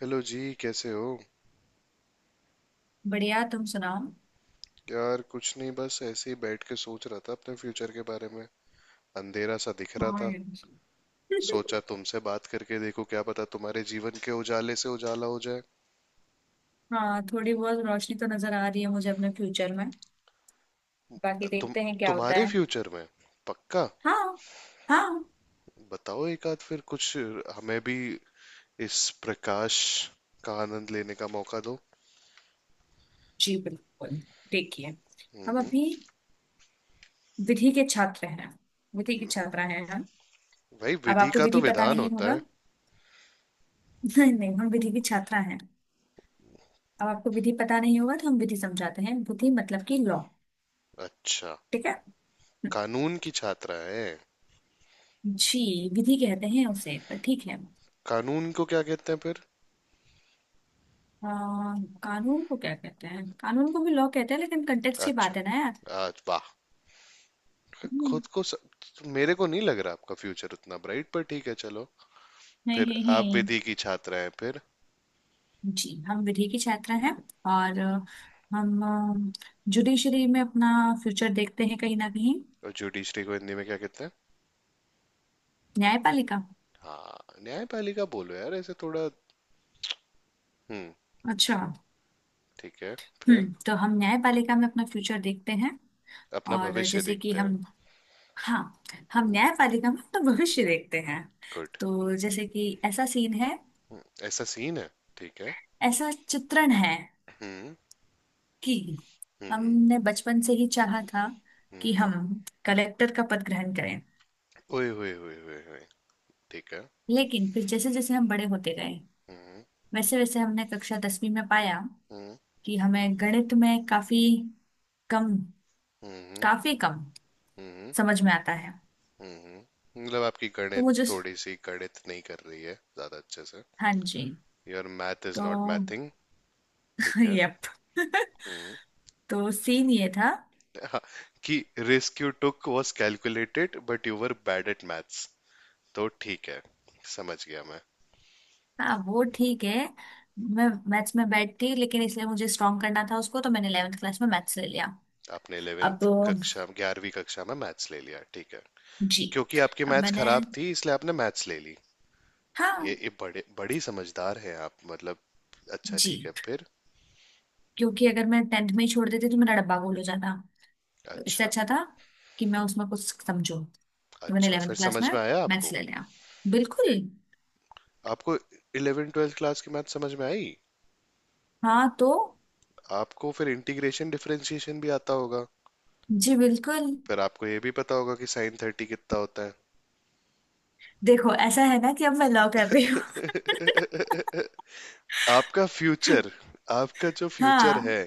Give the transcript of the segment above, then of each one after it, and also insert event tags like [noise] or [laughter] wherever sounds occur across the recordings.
Hello जी। कैसे हो? बढ़िया तुम सुनाओ। यार कुछ नहीं, बस ऐसे ही बैठ के सोच रहा था अपने फ्यूचर के बारे में। अंधेरा सा दिख रहा हाँ था। यार। सोचा [laughs] तुमसे बात करके देखो, क्या पता तुम्हारे जीवन के उजाले से उजाला हो जाए। हाँ, थोड़ी बहुत रोशनी तो नजर आ रही है मुझे अपने फ्यूचर में। बाकी तुम देखते हैं क्या होता तुम्हारे है। फ्यूचर में? पक्का? हाँ। हाँ, बताओ एक आध फिर कुछ, हमें भी इस प्रकाश का आनंद लेने का मौका दो। जी बिल्कुल। देखिए, हम हम्म। अभी विधि के छात्र हैं, विधि की छात्रा हैं हम। भाई अब विधि आपको का तो विधि पता विधान नहीं होता है। होगा। [laughs] नहीं नहीं, हम विधि की छात्रा हैं। अब आपको विधि पता नहीं होगा तो हम विधि समझाते हैं। विधि मतलब कि लॉ। अच्छा। ठीक है। हम्म, कानून की छात्रा है। जी विधि कहते हैं उसे, पर ठीक है। कानून को क्या कहते हैं फिर? अ, कानून को क्या कहते हैं? कानून को भी लॉ कहते हैं लेकिन कंटेक्स्ट की अच्छा। बात है ना यार। आज वाह। हम्म, खुद को स... मेरे को नहीं लग रहा आपका फ्यूचर उतना ब्राइट, पर ठीक है, चलो। फिर है, है। आप विधि की छात्रा हैं फिर? जी हम विधि के छात्र हैं। और हम जुडिशरी में अपना फ्यूचर देखते हैं कहीं ना कहीं। और जुडिशरी को हिंदी में क्या कहते हैं? न्यायपालिका। हाँ। न्यायपालिका बोलो यार, ऐसे थोड़ा। हम्म। अच्छा। ठीक है। फिर? हम्म, तो हम न्यायपालिका में अपना फ्यूचर देखते हैं। अपना और भविष्य जैसे कि देखते हैं। हम, हाँ, हम न्यायपालिका में अपना भविष्य देखते हैं। गुड। तो जैसे कि ऐसा सीन है, ऐसा सीन है? ठीक है। ऐसा चित्रण है हम्म। कि हम्म। हमने बचपन से ही चाहा था कि हम्म। हम कलेक्टर का पद ग्रहण करें। ओए ओए ओए ओए ओए। ठीक है। लेकिन फिर जैसे जैसे हम बड़े होते गए, हम्म। वैसे वैसे हमने कक्षा दसवीं में पाया हम्म। कि हमें गणित में काफी कम, हम्म। काफी कम हम्म। समझ में आता है। हम्म। मतलब आपकी तो गणित वो जो, थोड़ी सी गणित नहीं कर रही है ज्यादा अच्छे से? हाँ जी, योर मैथ इज तो नॉट मैथिंग। ठीक [laughs] है। यप। Mm. [laughs] तो सीन ये था। [laughs] कि risk you took was calculated but you were bad at maths. तो ठीक है, समझ गया मैं। हाँ वो ठीक है। मैं मैथ्स में बैठ थी लेकिन इसलिए मुझे स्ट्रॉन्ग करना था उसको, तो मैंने 11th क्लास में मैथ्स ले लिया। आपने अब 11th कक्षा, 11वीं कक्षा में मैथ्स ले लिया, ठीक है। जी, क्योंकि आपकी अब मैथ्स मैंने, खराब थी इसलिए आपने मैथ्स ले ली। ये, हाँ ये बड़े बड़ी समझदार हैं आप मतलब। अच्छा, ठीक है जी, फिर। क्योंकि अगर मैं टेंथ में ही छोड़ देती तो मेरा डब्बा गोल हो जाता। तो इससे अच्छा। अच्छा था कि मैं उसमें कुछ समझूं, कि मैंने अच्छा 11th फिर क्लास समझ में में आया मैथ्स आपको? ले लिया। बिल्कुल। आपको 11 ट्वेल्थ क्लास की मैथ समझ में आई? हाँ तो, आपको फिर इंटीग्रेशन डिफरेंशिएशन भी आता होगा। जी बिल्कुल। फिर आपको ये भी पता होगा कि साइन थर्टी कितना होता है? देखो, ऐसा है ना कि अब मैं लव कर रही हूँ। [laughs] आपका फ्यूचर, आपका जो फ्यूचर हाँ। है,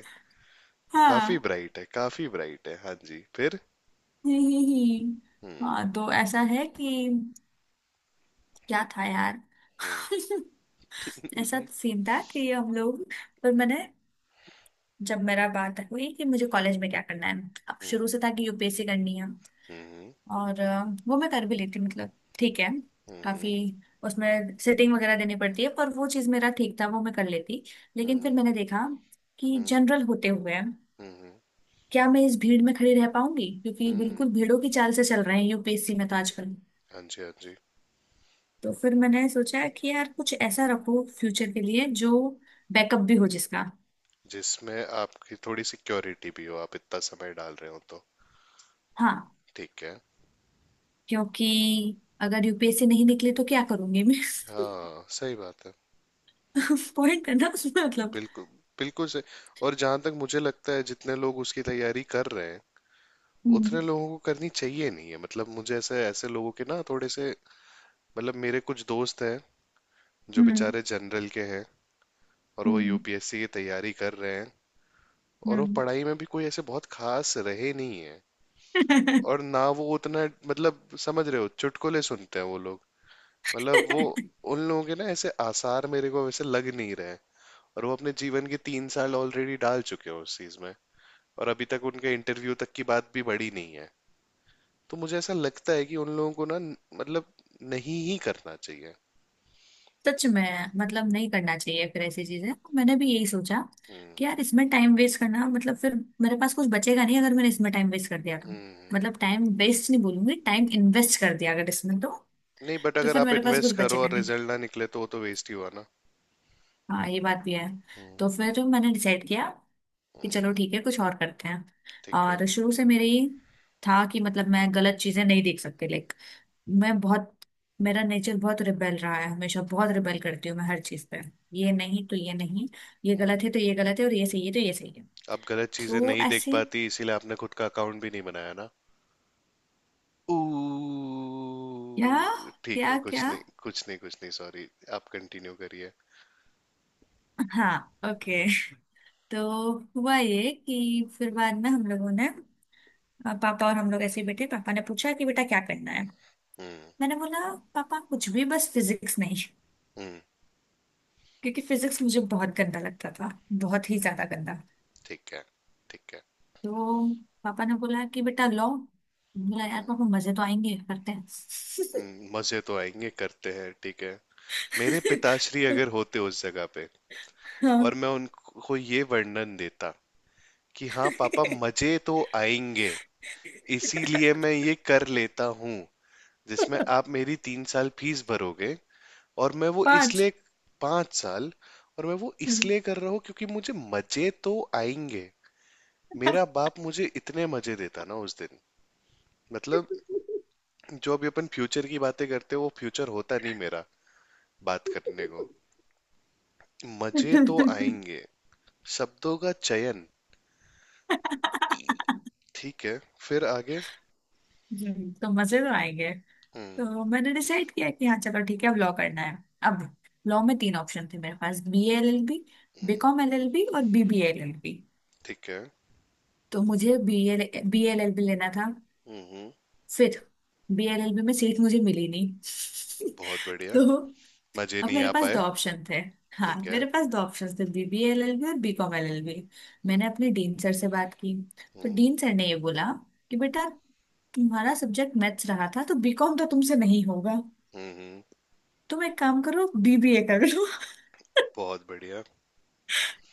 काफी हाँ। ब्राइट है, काफी ब्राइट है। हाँ जी फिर। ही ही। हम्म। हाँ तो ऐसा है कि क्या था यार। हम्म। [laughs] ऐसा सीन था कि हम लोग, पर मैंने, जब मेरा बात हुई कि मुझे कॉलेज में क्या करना है, अब शुरू से था कि यूपीएससी करनी है। हम्म। और वो मैं कर भी लेती हूँ, मतलब ठीक है। काफी, हम्म। उसमें सेटिंग वगैरह देनी पड़ती है पर वो चीज मेरा ठीक था, वो मैं कर लेती। हम्म। लेकिन हम्म। फिर मैंने देखा कि हम्म। जनरल होते हुए हम्म। क्या मैं इस भीड़ में खड़ी रह पाऊंगी, क्योंकि हम्म, बिल्कुल भीड़ों की चाल से चल रहे हैं यूपीएससी में तो आजकल। हाँ जी हाँ जी। तो फिर मैंने सोचा कि यार कुछ ऐसा रखो फ्यूचर के लिए जो बैकअप भी हो जिसका। जिसमें आपकी थोड़ी सिक्योरिटी भी हो, आप इतना समय डाल रहे हो तो। हाँ, ठीक है। क्योंकि अगर यूपीएससी नहीं निकले तो क्या करूंगी मैं? हाँ सही बात है। [laughs] पॉइंट करना उसमें मतलब। बिल्कुल। बिल्कुल सही। और जहां तक मुझे लगता है, जितने लोग उसकी तैयारी कर रहे हैं हम्म। उतने लोगों को करनी चाहिए नहीं है। मतलब मुझे ऐसे ऐसे लोगों के ना थोड़े से, मतलब मेरे कुछ दोस्त हैं जो हम्म। बेचारे जनरल के हैं, और वो हम्म। UPSC की तैयारी कर रहे हैं, और वो हम्म। पढ़ाई में भी कोई ऐसे बहुत खास रहे नहीं है, और ना वो उतना मतलब समझ रहे हो, चुटकुले सुनते हैं वो लोग, मतलब वो, [laughs] उन लोगों के ना ऐसे आसार मेरे को वैसे लग नहीं रहे। और वो अपने जीवन के 3 साल ऑलरेडी डाल चुके हैं उस चीज में, और अभी तक उनके इंटरव्यू तक की बात भी बढ़ी नहीं है। तो मुझे ऐसा लगता है कि उन लोगों को ना, मतलब, नहीं ही करना चाहिए। सच में, मतलब नहीं करना चाहिए फिर ऐसी चीजें। मैंने भी यही सोचा हम्म। कि यार इसमें टाइम वेस्ट करना मतलब, फिर मेरे पास कुछ बचेगा नहीं अगर मैंने इसमें टाइम वेस्ट कर दिया तो। हम्म। हम्म। मतलब टाइम वेस्ट नहीं बोलूंगी, टाइम इन्वेस्ट कर दिया अगर इसमें तो। नहीं बट तो अगर फिर आप मेरे पास कुछ इन्वेस्ट करो बचेगा और नहीं। रिजल्ट ना निकले तो वो तो वेस्ट ही हुआ ना। हाँ, ये बात भी है। हम्म। तो फिर मैंने डिसाइड किया कि हम्म, चलो ठीक है, कुछ और करते हैं। ठीक है। और शुरू से मेरे ये था कि, मतलब मैं गलत चीजें नहीं देख सकती, लाइक, मैं बहुत, मेरा नेचर बहुत रिबेल रहा है हमेशा। बहुत रिबेल करती हूँ मैं हर चीज पे। ये नहीं तो ये नहीं, ये हम्म। गलत है तो ये गलत है और ये सही है तो ये सही है। आप गलत चीजें तो नहीं देख ऐसे, पाती इसीलिए आपने खुद का अकाउंट भी नहीं बनाया ना? क्या, ठीक है, क्या कुछ क्या, नहीं कुछ नहीं कुछ नहीं, सॉरी। आप कंटिन्यू करिए। हाँ, हम्म। ओके। तो हुआ ये कि फिर बाद में हम लोगों ने, पापा और हम लोग ऐसे ही बैठे, पापा ने पूछा कि बेटा क्या करना है। हम्म। मैंने बोला पापा कुछ भी बस फिजिक्स नहीं, हम्म, क्योंकि फिजिक्स मुझे बहुत गंदा लगता था, बहुत ही ज्यादा गंदा। ठीक है। ठीक है। तो पापा ने बोला कि बेटा लो। बोला यार पापा मजे तो आएंगे, करते हैं। मजे तो आएंगे करते हैं, ठीक है। मेरे पिताश्री अगर [laughs] होते उस जगह पे, हाँ। और मैं उनको ये वर्णन देता कि हाँ [laughs] पापा मजे तो आएंगे, इसीलिए मैं ये कर लेता हूँ जिसमें आप मेरी 3 साल फीस भरोगे, और मैं वो पाँच। इसलिए, 5 साल, और मैं वो हम्म। इसलिए कर रहा हूँ क्योंकि मुझे मजे तो आएंगे। मेरा बाप मुझे इतने मजे देता ना उस दिन, मतलब, जो अभी अपन फ्यूचर की बातें करते हैं वो फ्यूचर होता नहीं मेरा, बात करने को, मजे तो हम्म, आएंगे। शब्दों का चयन। ठीक है, फिर आगे। तो मजे तो आएंगे। हम्म। तो मैंने डिसाइड किया कि हाँ चलो ठीक है, अब लॉ करना है। अब लॉ में तीन ऑप्शन थे मेरे पास, B L L B, B com L L B और B B L L B. ठीक है। तो मुझे बी एल एल बी लेना था। हम्म। फिर बीएलएलबी में सीट मुझे मिली नहीं। [laughs] बहुत बढ़िया। तो मजे अब नहीं मेरे आ पास दो पाए। ऑप्शन थे, हाँ ठीक है। मेरे पास दो ऑप्शन थे, B B L L B और B com L L B. हम्म। मैंने अपने डीन सर से बात की। तो हम्म। डीन सर ने ये बोला कि बेटा, तुम्हारा सब्जेक्ट मैथ्स रहा था तो बी कॉम तो तुमसे नहीं होगा, हुँ, तुम एक काम करो बीबीए कर लो। [laughs] बहुत बढ़िया।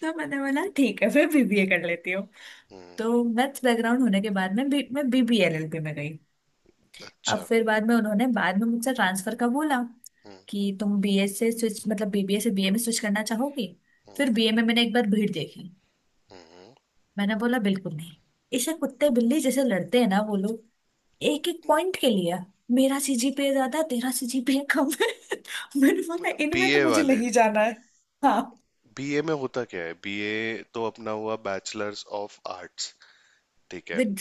तो मैंने बोला ठीक है, फिर बीबीए कर लेती हूँ। हुँ, तो मैथ्स बैकग्राउंड होने के बाद में, मैं बीबीएलएलबी में गई। अब अच्छा। फिर बाद में उन्होंने, बाद में मुझसे ट्रांसफर का बोला हुँ। कि तुम बीए से स्विच, मतलब बीबीए से बीए में स्विच करना चाहोगी। हुँ। फिर बीए में मैंने एक बार भीड़ देखी। हुँ। मैंने बोला बिल्कुल नहीं। इसे कुत्ते बिल्ली जैसे लड़ते हैं ना वो लोग, एक एक पॉइंट के लिए। मेरा सीजीपीए ज्यादा है, तेरा सीजीपीए कम है। [laughs] मैंने बोला इनमें बीए तो मुझे वाले, नहीं जाना है। हाँ। BA में होता क्या है? बीए तो अपना हुआ बैचलर्स ऑफ आर्ट्स, ठीक है। विद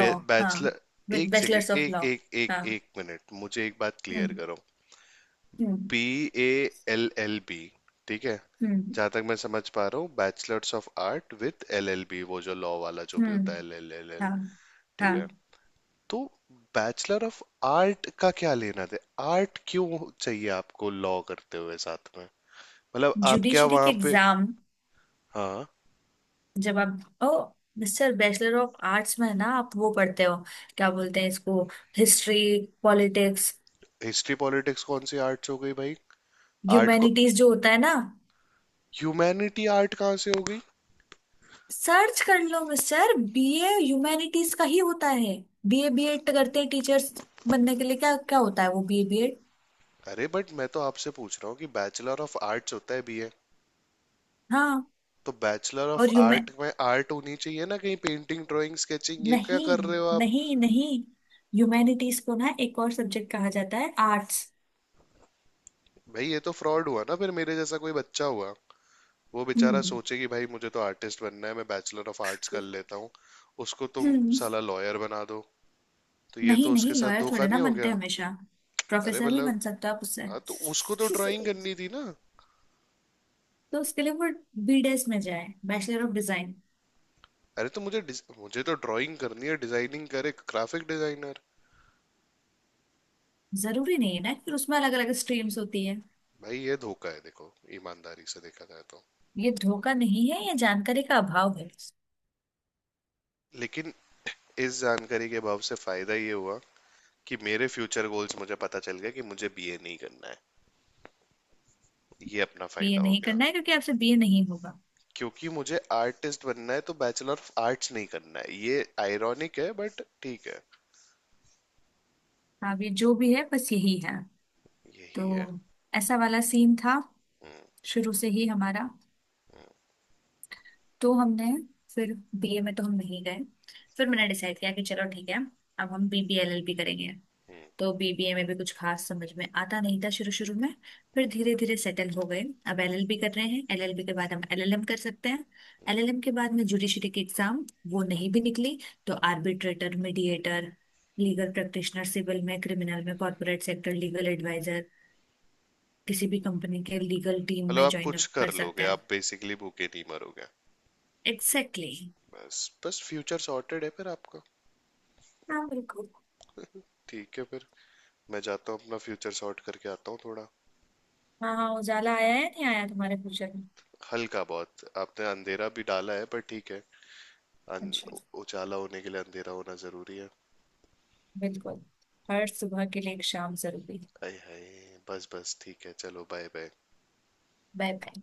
हाँ। बैचलर। विद एक सेकेंड, बैचलर्स ऑफ एक लॉ। एक एक हाँ। एक मिनट, मुझे एक बात क्लियर हम्म। करो। हम्म। BALLB, ठीक है? हम्म। जहाँ तक मैं समझ पा रहा हूँ, bachelors of art with LLB, वो जो लॉ वाला जो भी होता है, हम्म। एल एल एल हाँ। एल, ठीक हाँ। है? तो बैचलर ऑफ आर्ट का क्या लेना दे, आर्ट क्यों चाहिए आपको लॉ करते हुए साथ में? मतलब आप क्या जुडिशरी के वहां पे? एग्जाम हाँ। जब आप, ओ सर, बैचलर ऑफ आर्ट्स में ना आप वो पढ़ते हो, क्या बोलते हैं इसको, हिस्ट्री, पॉलिटिक्स, हिस्ट्री पॉलिटिक्स कौन सी आर्ट्स हो गई भाई? आर्ट को ह्यूमैनिटीज जो होता है ना। ह्यूमैनिटी, आर्ट कहाँ से हो गई? सर्च कर लो मिस्टर, बीए ह्यूमैनिटीज का ही होता है। बीए बीएड करते हैं टीचर्स बनने के लिए, क्या क्या होता है वो बीए बीएड। अरे बट मैं तो आपसे पूछ रहा हूँ कि बैचलर ऑफ आर्ट्स होता है BA, हाँ। तो बैचलर ऑफ और ह्यूमैन, आर्ट में आर्ट होनी चाहिए ना कहीं, पेंटिंग ड्राइंग स्केचिंग, ये क्या नहीं, कर रहे हो आप? नहीं नहीं, ह्यूमैनिटीज को ना एक और सब्जेक्ट कहा जाता है आर्ट्स। भाई ये तो फ्रॉड हुआ ना, फिर मेरे जैसा कोई बच्चा हुआ, वो बेचारा हम्म। सोचे कि भाई मुझे तो आर्टिस्ट बनना है, मैं बैचलर ऑफ आर्ट्स कर लेता हूँ, उसको तुम हम्म। साला लॉयर बना दो, तो ये नहीं तो उसके नहीं, साथ लॉयर धोखा थोड़े ना नहीं हो बनते गया? हैं हमेशा। अरे प्रोफेसर भी मतलब, बन सकता है आप उससे। हाँ तो उसको तो ड्राइंग [laughs] करनी थी ना। तो उसके लिए वो बीडेस में जाए, बैचलर ऑफ डिजाइन। अरे तो मुझे तो ड्राइंग करनी है, डिजाइनिंग करे ग्राफिक डिजाइनर। जरूरी नहीं है ना, कि उसमें अलग अलग स्ट्रीम्स होती है। भाई ये धोखा है देखो, ईमानदारी से देखा जाए तो। ये धोखा नहीं है, ये जानकारी का अभाव है। लेकिन इस जानकारी के अभाव से फायदा ये हुआ कि मेरे फ्यूचर गोल्स मुझे पता चल गया कि मुझे BA नहीं करना है, ये अपना बीए फायदा हो नहीं गया। करना है क्योंकि आपसे बीए नहीं होगा। क्योंकि मुझे आर्टिस्ट बनना है तो बैचलर ऑफ आर्ट्स नहीं करना है, ये आयरॉनिक है बट ठीक है। आप ये जो भी है बस यही है। यही है। तो ऐसा वाला सीन था, हम्म। शुरू से ही हमारा। हम्म। तो हमने, फिर बीए में तो हम नहीं गए। फिर हम्म। मैंने डिसाइड किया कि चलो ठीक है, अब हम बीबीएलएल भी करेंगे। हम्म। तो बीबीए में भी कुछ खास समझ में आता नहीं था शुरू शुरू में। फिर धीरे धीरे सेटल हो गए। अब एलएलबी कर रहे हैं, एलएलबी के बाद हम एलएलएम कर सकते हैं। हम्म। एलएलएम के बाद में जुडिशरी की एग्जाम, वो हम्म। नहीं भी निकली तो arbitrator, mediator, legal practitioner, civil में, क्रिमिनल में, कॉर्पोरेट सेक्टर, लीगल एडवाइजर, किसी भी कंपनी के लीगल टीम मतलब में आप ज्वाइन कुछ अप कर कर सकते लोगे, हैं। आप बेसिकली भूखे नहीं मरोगे। Exactly, exactly. बस, बस फ्यूचर सॉर्टेड है फिर आपका। हाँ बिल्कुल। ठीक है फिर, मैं जाता हूँ अपना फ्यूचर सॉर्ट करके आता हूँ थोड़ा। हाँ हाँ, उजाला आया है नहीं आया तुम्हारे फ्यूचर में? हल्का, बहुत आपने अंधेरा भी डाला है, पर ठीक है। अच्छा। अन- उजाला होने के लिए अंधेरा होना जरूरी है। बिल्कुल। हर सुबह के लिए एक शाम जरूरी। आय हाय, बस बस, ठीक है, चलो, बाय बाय। Bye bye.